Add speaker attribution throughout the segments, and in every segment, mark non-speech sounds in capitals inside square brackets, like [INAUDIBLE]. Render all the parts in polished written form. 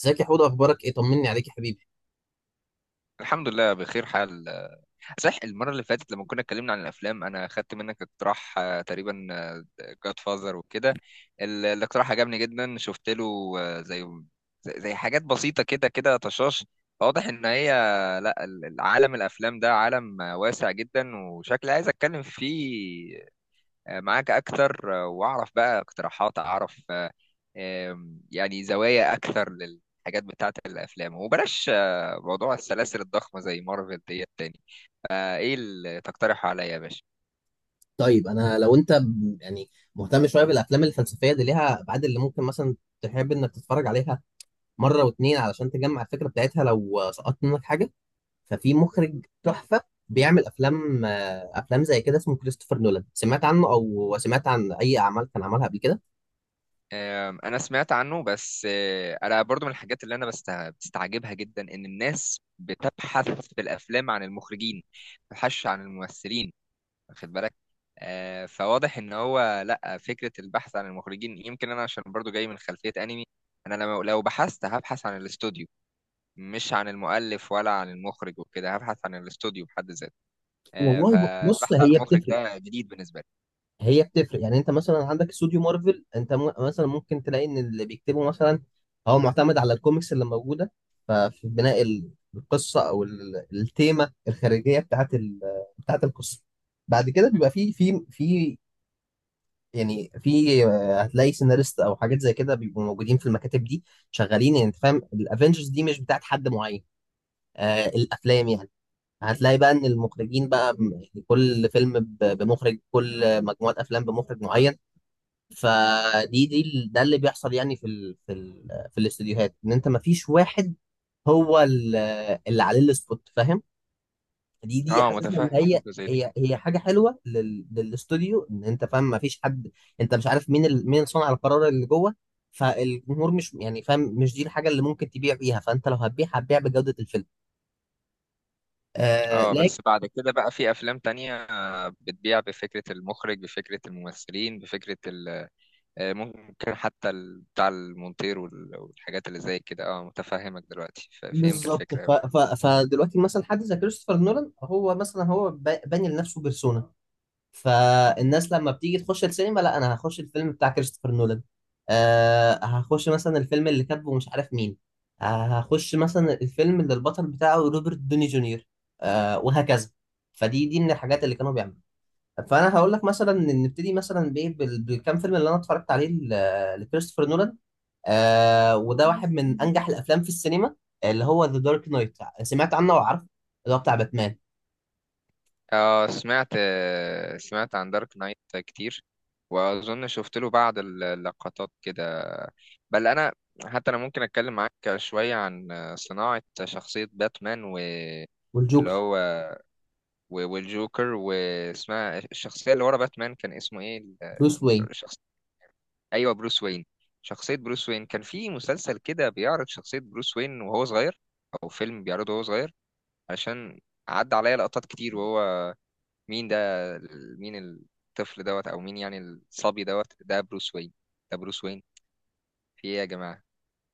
Speaker 1: ازيك يا حوده؟ اخبارك ايه؟ طمني عليك يا حبيبي.
Speaker 2: الحمد لله بخير حال. صح، المرة اللي فاتت لما كنا اتكلمنا عن الأفلام أنا خدت منك اقتراح، تقريبا جاد فازر وكده. الاقتراح عجبني جدا، شفت له آه، زي زي حاجات بسيطة كده كده طشاش. واضح إن هي لا، العالم الأفلام ده عالم واسع جدا، وشكلي عايز أتكلم فيه معاك أكتر، وأعرف بقى اقتراحات، أعرف يعني زوايا أكثر للحاجات بتاعة الأفلام، وبلاش موضوع السلاسل الضخمة زي مارفل ديت تاني. فإيه اللي تقترحه عليا يا باشا؟
Speaker 1: طيب انا لو انت يعني مهتم شويه بالافلام الفلسفيه، دي ليها ابعاد اللي ممكن مثلا تحب انك تتفرج عليها مره واتنين علشان تجمع الفكره بتاعتها لو سقطت منك حاجه. ففي مخرج تحفه بيعمل افلام، افلام زي كده، اسمه كريستوفر نولان. سمعت عنه او سمعت عن اي اعمال كان عملها قبل كده؟
Speaker 2: أنا سمعت عنه، بس أنا برضو من الحاجات اللي أنا بستعجبها جدا إن الناس بتبحث في الأفلام عن المخرجين، ما بتبحثش عن الممثلين، واخد بالك؟ فواضح ان هو، لا، فكره البحث عن المخرجين، يمكن انا عشان برضو جاي من خلفيه انمي، انا لو بحثت هبحث عن الاستوديو، مش عن المؤلف ولا عن المخرج وكده، هبحث عن الاستوديو بحد ذاته.
Speaker 1: والله بص،
Speaker 2: فالبحث عن
Speaker 1: هي
Speaker 2: المخرج
Speaker 1: بتفرق.
Speaker 2: ده جديد بالنسبه لي.
Speaker 1: هي بتفرق. يعني انت مثلا عندك استوديو مارفل، انت مثلا ممكن تلاقي ان اللي بيكتبه مثلا هو معتمد على الكوميكس اللي موجوده. ففي بناء القصه او التيمه الخارجيه بتاعت القصه. بعد كده بيبقى في يعني في، هتلاقي سيناريست او حاجات زي كده بيبقوا موجودين في المكاتب دي شغالين. يعني انت فاهم، الافنجرز دي مش بتاعت حد معين، آه الافلام يعني. هتلاقي بقى ان المخرجين بقى كل فيلم بمخرج، كل مجموعه افلام بمخرج معين. فدي ده اللي بيحصل يعني في الاستديوهات، ان انت ما فيش واحد هو اللي عليه السبوت، فاهم؟ دي
Speaker 2: اه،
Speaker 1: حاسسها ان
Speaker 2: متفاهم
Speaker 1: هي
Speaker 2: فكره زي دي.
Speaker 1: هي هي حاجه حلوه للاستوديو، ان انت فاهم ما فيش حد. انت مش عارف مين مين صانع القرار اللي جوه، فالجمهور مش يعني فاهم. مش دي الحاجه اللي ممكن تبيع بيها، فانت لو هتبيع هتبيع بجوده الفيلم. آه
Speaker 2: اه،
Speaker 1: لكن
Speaker 2: بس بعد كده بقى في افلام تانية بتبيع بفكره المخرج، بفكره الممثلين، بفكره ممكن حتى بتاع المونتير والحاجات اللي زي كده. اه، متفهمك دلوقتي، فهمت
Speaker 1: بالظبط،
Speaker 2: الفكره.
Speaker 1: فدلوقتي مثلا حد زي كريستوفر نولان هو مثلا هو باني لنفسه بيرسونا، فالناس لما بتيجي تخش السينما، لا انا هخش الفيلم بتاع كريستوفر نولان. أه هخش مثلا الفيلم اللي كاتبه مش عارف مين. أه هخش مثلا الفيلم اللي البطل بتاعه روبرت دوني جونيور. أه وهكذا. فدي من الحاجات اللي كانوا بيعملوا. فانا هقول لك مثلا إن نبتدي مثلا بايه، بالكام فيلم اللي انا اتفرجت عليه لكريستوفر نولان. أه، وده واحد من انجح الافلام في السينما، اللي هو ذا دارك نايت. سمعت عنه وعارفه؟ اللي هو بتاع باتمان
Speaker 2: اه، سمعت عن دارك نايت كتير، واظن شفت له بعض اللقطات كده. بل انا، حتى انا ممكن اتكلم معاك شويه عن صناعه شخصيه باتمان، و اللي
Speaker 1: والجوكر.
Speaker 2: هو، والجوكر. واسمها الشخصيه اللي ورا باتمان كان اسمه ايه،
Speaker 1: بروس وين.
Speaker 2: الشخص؟ ايوه، بروس وين. شخصيه بروس وين كان في مسلسل كده بيعرض شخصيه بروس وين وهو صغير، او فيلم بيعرضه وهو صغير. عشان عدى عليا لقطات كتير وهو... مين ده؟ مين الطفل دوت، او مين يعني الصبي دوت؟ ده بروس وين، ده بروس وين، في ايه يا جماعة؟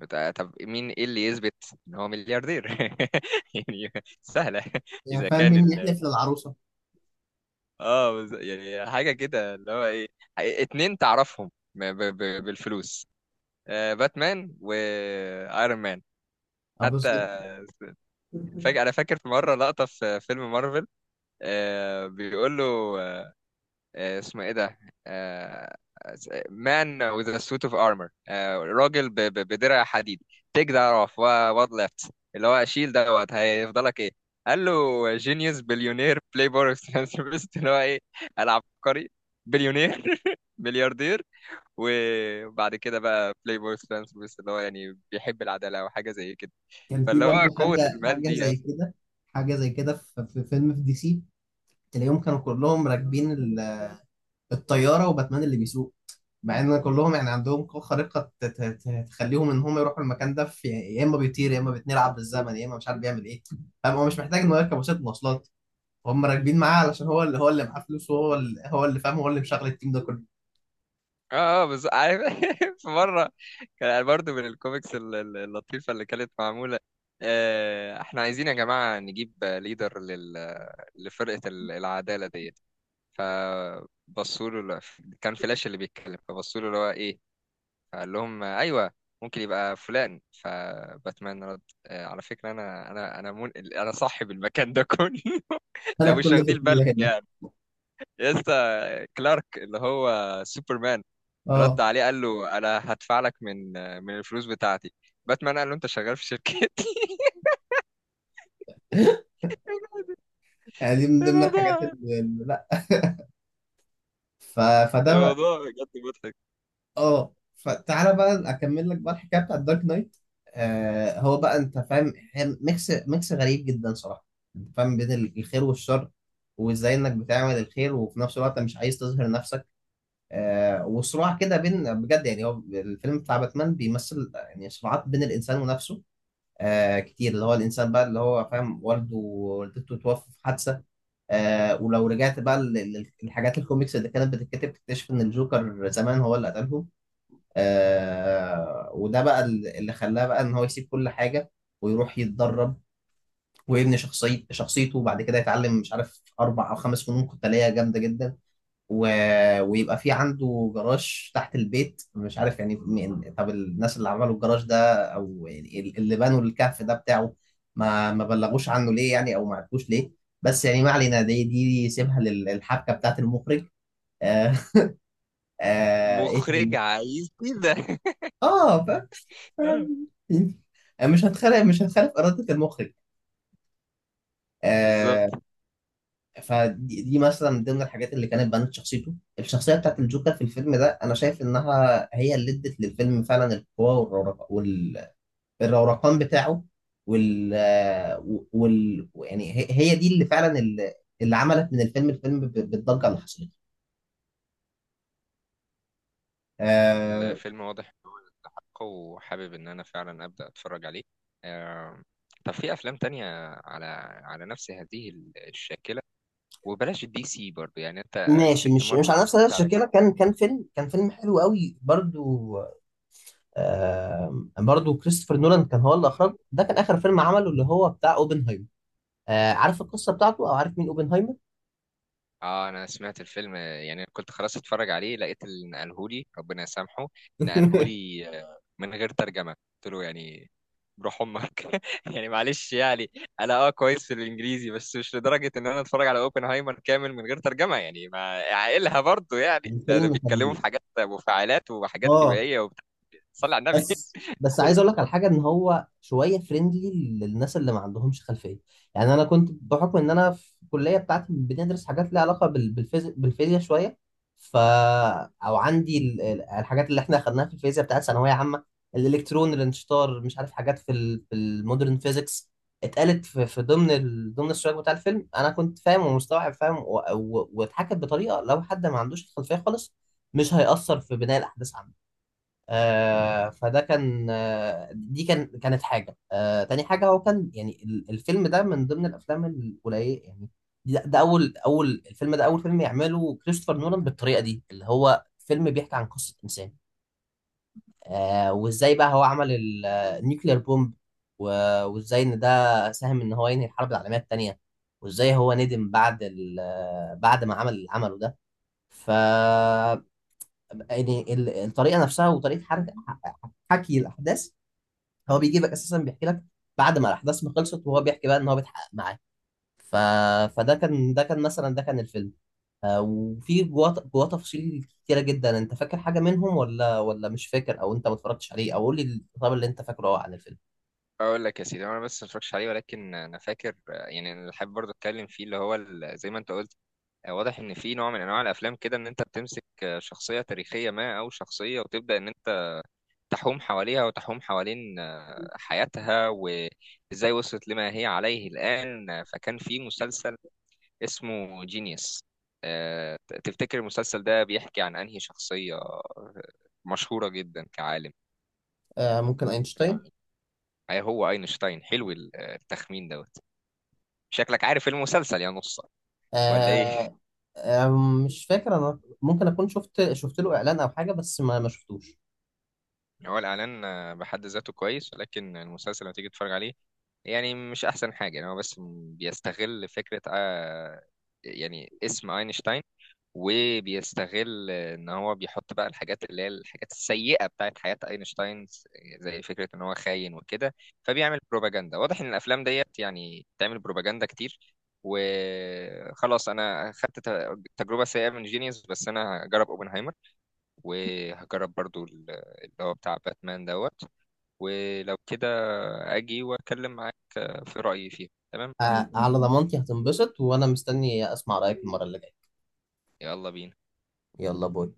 Speaker 2: طب مين، ايه اللي يثبت ان هو ملياردير؟ [LAUGHS] يعني سهلة.
Speaker 1: يعني
Speaker 2: اذا
Speaker 1: فاهم،
Speaker 2: كان
Speaker 1: مين
Speaker 2: ال...
Speaker 1: يحلف للعروسة.
Speaker 2: اه، يعني حاجة كده اللي هو ايه، اتنين تعرفهم بالفلوس، باتمان وايرون مان.
Speaker 1: اه
Speaker 2: حتى
Speaker 1: بالظبط.
Speaker 2: فاكر، انا فاكر في مره لقطه في فيلم مارفل، بيقول له اسمه ايه ده، آه، مان with a suit of armor، راجل بدرع حديد، take that off what left، اللي هو شيل دوت هيفضلك ايه؟ قال له جينيوس بليونير بلاي بوي philanthropist. [LAUGHS] اللي هو ايه، العبقري، بليونير [LAUGHS] ملياردير، وبعد كده بقى بلاي بوي philanthropist اللي هو يعني بيحب العداله او حاجه زي كده.
Speaker 1: كان في
Speaker 2: فاللي هو
Speaker 1: برضه
Speaker 2: قوه
Speaker 1: حاجة
Speaker 2: المال
Speaker 1: حاجة
Speaker 2: دي.
Speaker 1: زي كده، حاجة زي كده في، فيلم في دي سي، تلاقيهم كانوا كلهم راكبين الطيارة، وباتمان اللي بيسوق، مع ان كلهم يعني عندهم قوة خارقة تخليهم ان هم يروحوا المكان ده، في يا اما بيطير، يا اما بيتنقل عبر الزمن، يا اما مش عارف بيعمل ايه. فاهم، هو مش محتاج انه يركب وسيلة مواصلات، هم راكبين معاه علشان هو اللي معاه فلوس، وهو اللي فاهم، هو اللي مشغل التيم ده كله.
Speaker 2: اه بس عارف، [LAUGHS] في مره كان برضه من الكوميكس اللطيفه اللي كانت معموله، احنا عايزين يا جماعه نجيب ليدر لل... لفرقه العداله ديت. فبصوا له، كان فلاش اللي بيتكلم، فبصوا له اللي هو ايه، فقال لهم ايوه، ممكن يبقى فلان. فباتمان رد، على فكره انا انا صاحب المكان ده كله.
Speaker 1: [LAUGHS]
Speaker 2: [LAUGHS] لو
Speaker 1: انا
Speaker 2: مش
Speaker 1: كل ده
Speaker 2: واخدين
Speaker 1: كله
Speaker 2: بالك
Speaker 1: هنا.
Speaker 2: يعني. يسا كلارك اللي هو سوبرمان رد
Speaker 1: اه
Speaker 2: عليه قال له انا هدفع لك من الفلوس بتاعتي. باتمان قال له انت شغال في شركتي.
Speaker 1: [LAUGHS]
Speaker 2: [LAUGHS]
Speaker 1: يعني دي من ضمن الحاجات
Speaker 2: الموضوع
Speaker 1: لا. [LAUGHS] ف... فده.
Speaker 2: الموضوع بجد مضحك.
Speaker 1: اه فتعالى بقى اكمل لك بقى الحكايه بتاعت دارك نايت. آه هو بقى انت فاهم، هي ميكس غريب جدا صراحه. انت فاهم، بين الخير والشر، وازاي انك بتعمل الخير وفي نفس الوقت مش عايز تظهر نفسك. آه وصراع كده بين، بجد يعني هو الفيلم بتاع باتمان بيمثل يعني صراعات بين الانسان ونفسه، آه كتير. اللي هو الانسان بقى اللي هو فاهم والده ووالدته توفوا في حادثه. آه ولو رجعت بقى للحاجات الكوميكس اللي كانت بتتكتب، تكتشف ان الجوكر زمان هو اللي قتلهم. آه، وده بقى اللي خلاه بقى ان هو يسيب كل حاجه ويروح يتدرب ويبني شخصيته، وبعد كده يتعلم مش عارف اربع او خمس فنون قتاليه جامده جدا. و... ويبقى في عنده جراج تحت البيت. مش عارف يعني طب الناس اللي عملوا الجراج ده او يعني اللي بنوا الكهف ده بتاعه، ما بلغوش عنه ليه يعني، او ما عرفوش ليه. بس يعني ما علينا، دي سيبها للحبكه بتاعت المخرج. آه. آه ايه
Speaker 2: مخرج
Speaker 1: تاني؟
Speaker 2: عايز كده.
Speaker 1: اه بس فاهم.
Speaker 2: [LAUGHS]
Speaker 1: مش هتخالف إرادة المخرج.
Speaker 2: بالظبط.
Speaker 1: آه. فدي مثلا من ضمن الحاجات اللي كانت بنت شخصيته، الشخصية بتاعت الجوكر في الفيلم ده، أنا شايف إنها اللي ادت للفيلم فعلا القوة، والروقان بتاعه، وال آه، وال يعني هي دي اللي فعلا اللي عملت من الفيلم الفيلم بالضجة اللي حصلت. آه.
Speaker 2: الفيلم واضح إن هو حق، وحابب ان انا فعلا ابدا اتفرج عليه. آه، طب في افلام تانية على على نفس هذه الشاكلة، وبلاش الدي سي برضو يعني، انت
Speaker 1: ماشي،
Speaker 2: سبت
Speaker 1: مش
Speaker 2: مارفل.
Speaker 1: على نفس الشكل
Speaker 2: على
Speaker 1: كده. كان فيلم حلو قوي برضو. برضو كريستوفر نولان كان هو اللي اخرجه، ده كان اخر فيلم عمله، اللي هو بتاع اوبنهايمر. آه، عارف القصه بتاعته او عارف مين اوبنهايمر؟
Speaker 2: اه، انا سمعت الفيلم، يعني كنت خلاص اتفرج عليه لقيت اللي نقلهولي ربنا يسامحه،
Speaker 1: [LAUGHS]
Speaker 2: نقلهولي من غير ترجمة. قلت له يعني بروح امك. [LAUGHS] يعني معلش يعني انا، اه، كويس في الانجليزي، بس مش لدرجة ان انا اتفرج على اوبنهايمر كامل من غير ترجمة يعني، ما عقلها برضه يعني، ده
Speaker 1: الفيلم
Speaker 2: بيتكلموا
Speaker 1: كان،
Speaker 2: في حاجات مفاعلات وحاجات
Speaker 1: اه
Speaker 2: كيميائية وبتاع. صلي على النبي.
Speaker 1: بس،
Speaker 2: [LAUGHS]
Speaker 1: عايز
Speaker 2: كده.
Speaker 1: اقول لك على حاجه، ان هو شويه فريندلي للناس اللي ما عندهمش خلفيه. يعني انا كنت بحكم ان انا في الكليه بتاعتي بندرس حاجات ليها علاقه بالفيزياء، بالفيزياء شويه. ف او عندي الحاجات اللي احنا اخدناها في الفيزياء بتاعت ثانويه عامه، الالكترون، الانشطار، مش عارف حاجات في في المودرن فيزيكس. اتقالت في، في ضمن ضمن السياق بتاع الفيلم، انا كنت فاهم ومستوعب، فاهم واتحكت بطريقه لو حد ما عندوش الخلفيه خالص، مش هيأثر في بناء الاحداث. آه فده كان، آه دي كان كانت حاجة. آه تاني حاجة، هو كان يعني الفيلم ده من ضمن الأفلام القليلة يعني، ده, ده أول أول الفيلم ده أول فيلم يعمله كريستوفر نولان بالطريقة دي، اللي هو فيلم بيحكي عن قصة إنسان. آه وإزاي بقى هو عمل النيوكلير بومب، وإزاي إن ده ساهم إن هو ينهي الحرب العالمية التانية، وإزاي هو ندم بعد بعد ما عمل اللي عمله ده. ف يعني الطريقه نفسها، وطريقه حكي الاحداث، هو بيجيبك اساسا بيحكي لك بعد ما الاحداث ما خلصت، وهو بيحكي بقى ان هو بيتحقق معاه. ف... فده كان، ده كان مثلا، ده كان الفيلم. آه، وفي جواه، تفاصيل كتيره جدا. انت فاكر حاجه منهم ولا مش فاكر، او انت ما اتفرجتش عليه، او قول لي الخطاب اللي انت فاكره عن الفيلم.
Speaker 2: اقول لك يا سيدي، انا بس ما اتفرجتش عليه، ولكن انا فاكر، يعني اللي حابب برضه اتكلم فيه، اللي هو زي ما انت قلت، واضح ان في نوع من انواع الافلام كده ان انت بتمسك شخصيه تاريخيه ما، او شخصيه، وتبدا ان انت تحوم حواليها وتحوم حوالين حياتها، وازاي وصلت لما هي عليه الان. فكان في مسلسل اسمه جينيوس. تفتكر المسلسل ده بيحكي عن انهي شخصيه مشهوره جدا كعالم؟
Speaker 1: آه، ممكن اينشتاين.
Speaker 2: هي هو اينشتاين، حلو التخمين دوت. شكلك عارف المسلسل يا نصة ولا ايه؟
Speaker 1: آه. آه، مش فاكر. انا ممكن اكون شفت، له اعلان او حاجه، بس ما شفتوش.
Speaker 2: هو الإعلان بحد ذاته كويس، لكن المسلسل لما تيجي تتفرج عليه يعني مش أحسن حاجة. يعني هو بس بيستغل فكرة، يعني اسم أينشتاين، وبيستغل إن هو بيحط بقى الحاجات اللي هي الحاجات السيئة بتاعت حياة أينشتاين، زي فكرة إن هو خاين وكده. فبيعمل بروباجندا. واضح إن الأفلام ديت يعني بتعمل بروباجندا كتير. وخلاص أنا خدت تجربة سيئة من جينيوس، بس أنا هجرب أوبنهايمر، وهجرب برضو اللي هو بتاع باتمان دوت. ولو كده اجي واتكلم معاك في رأيي فيه. تمام.
Speaker 1: آه، على ضمانتي هتنبسط، وانا مستني اسمع رايك المره اللي جايه.
Speaker 2: يلا بينا.
Speaker 1: يلا باي.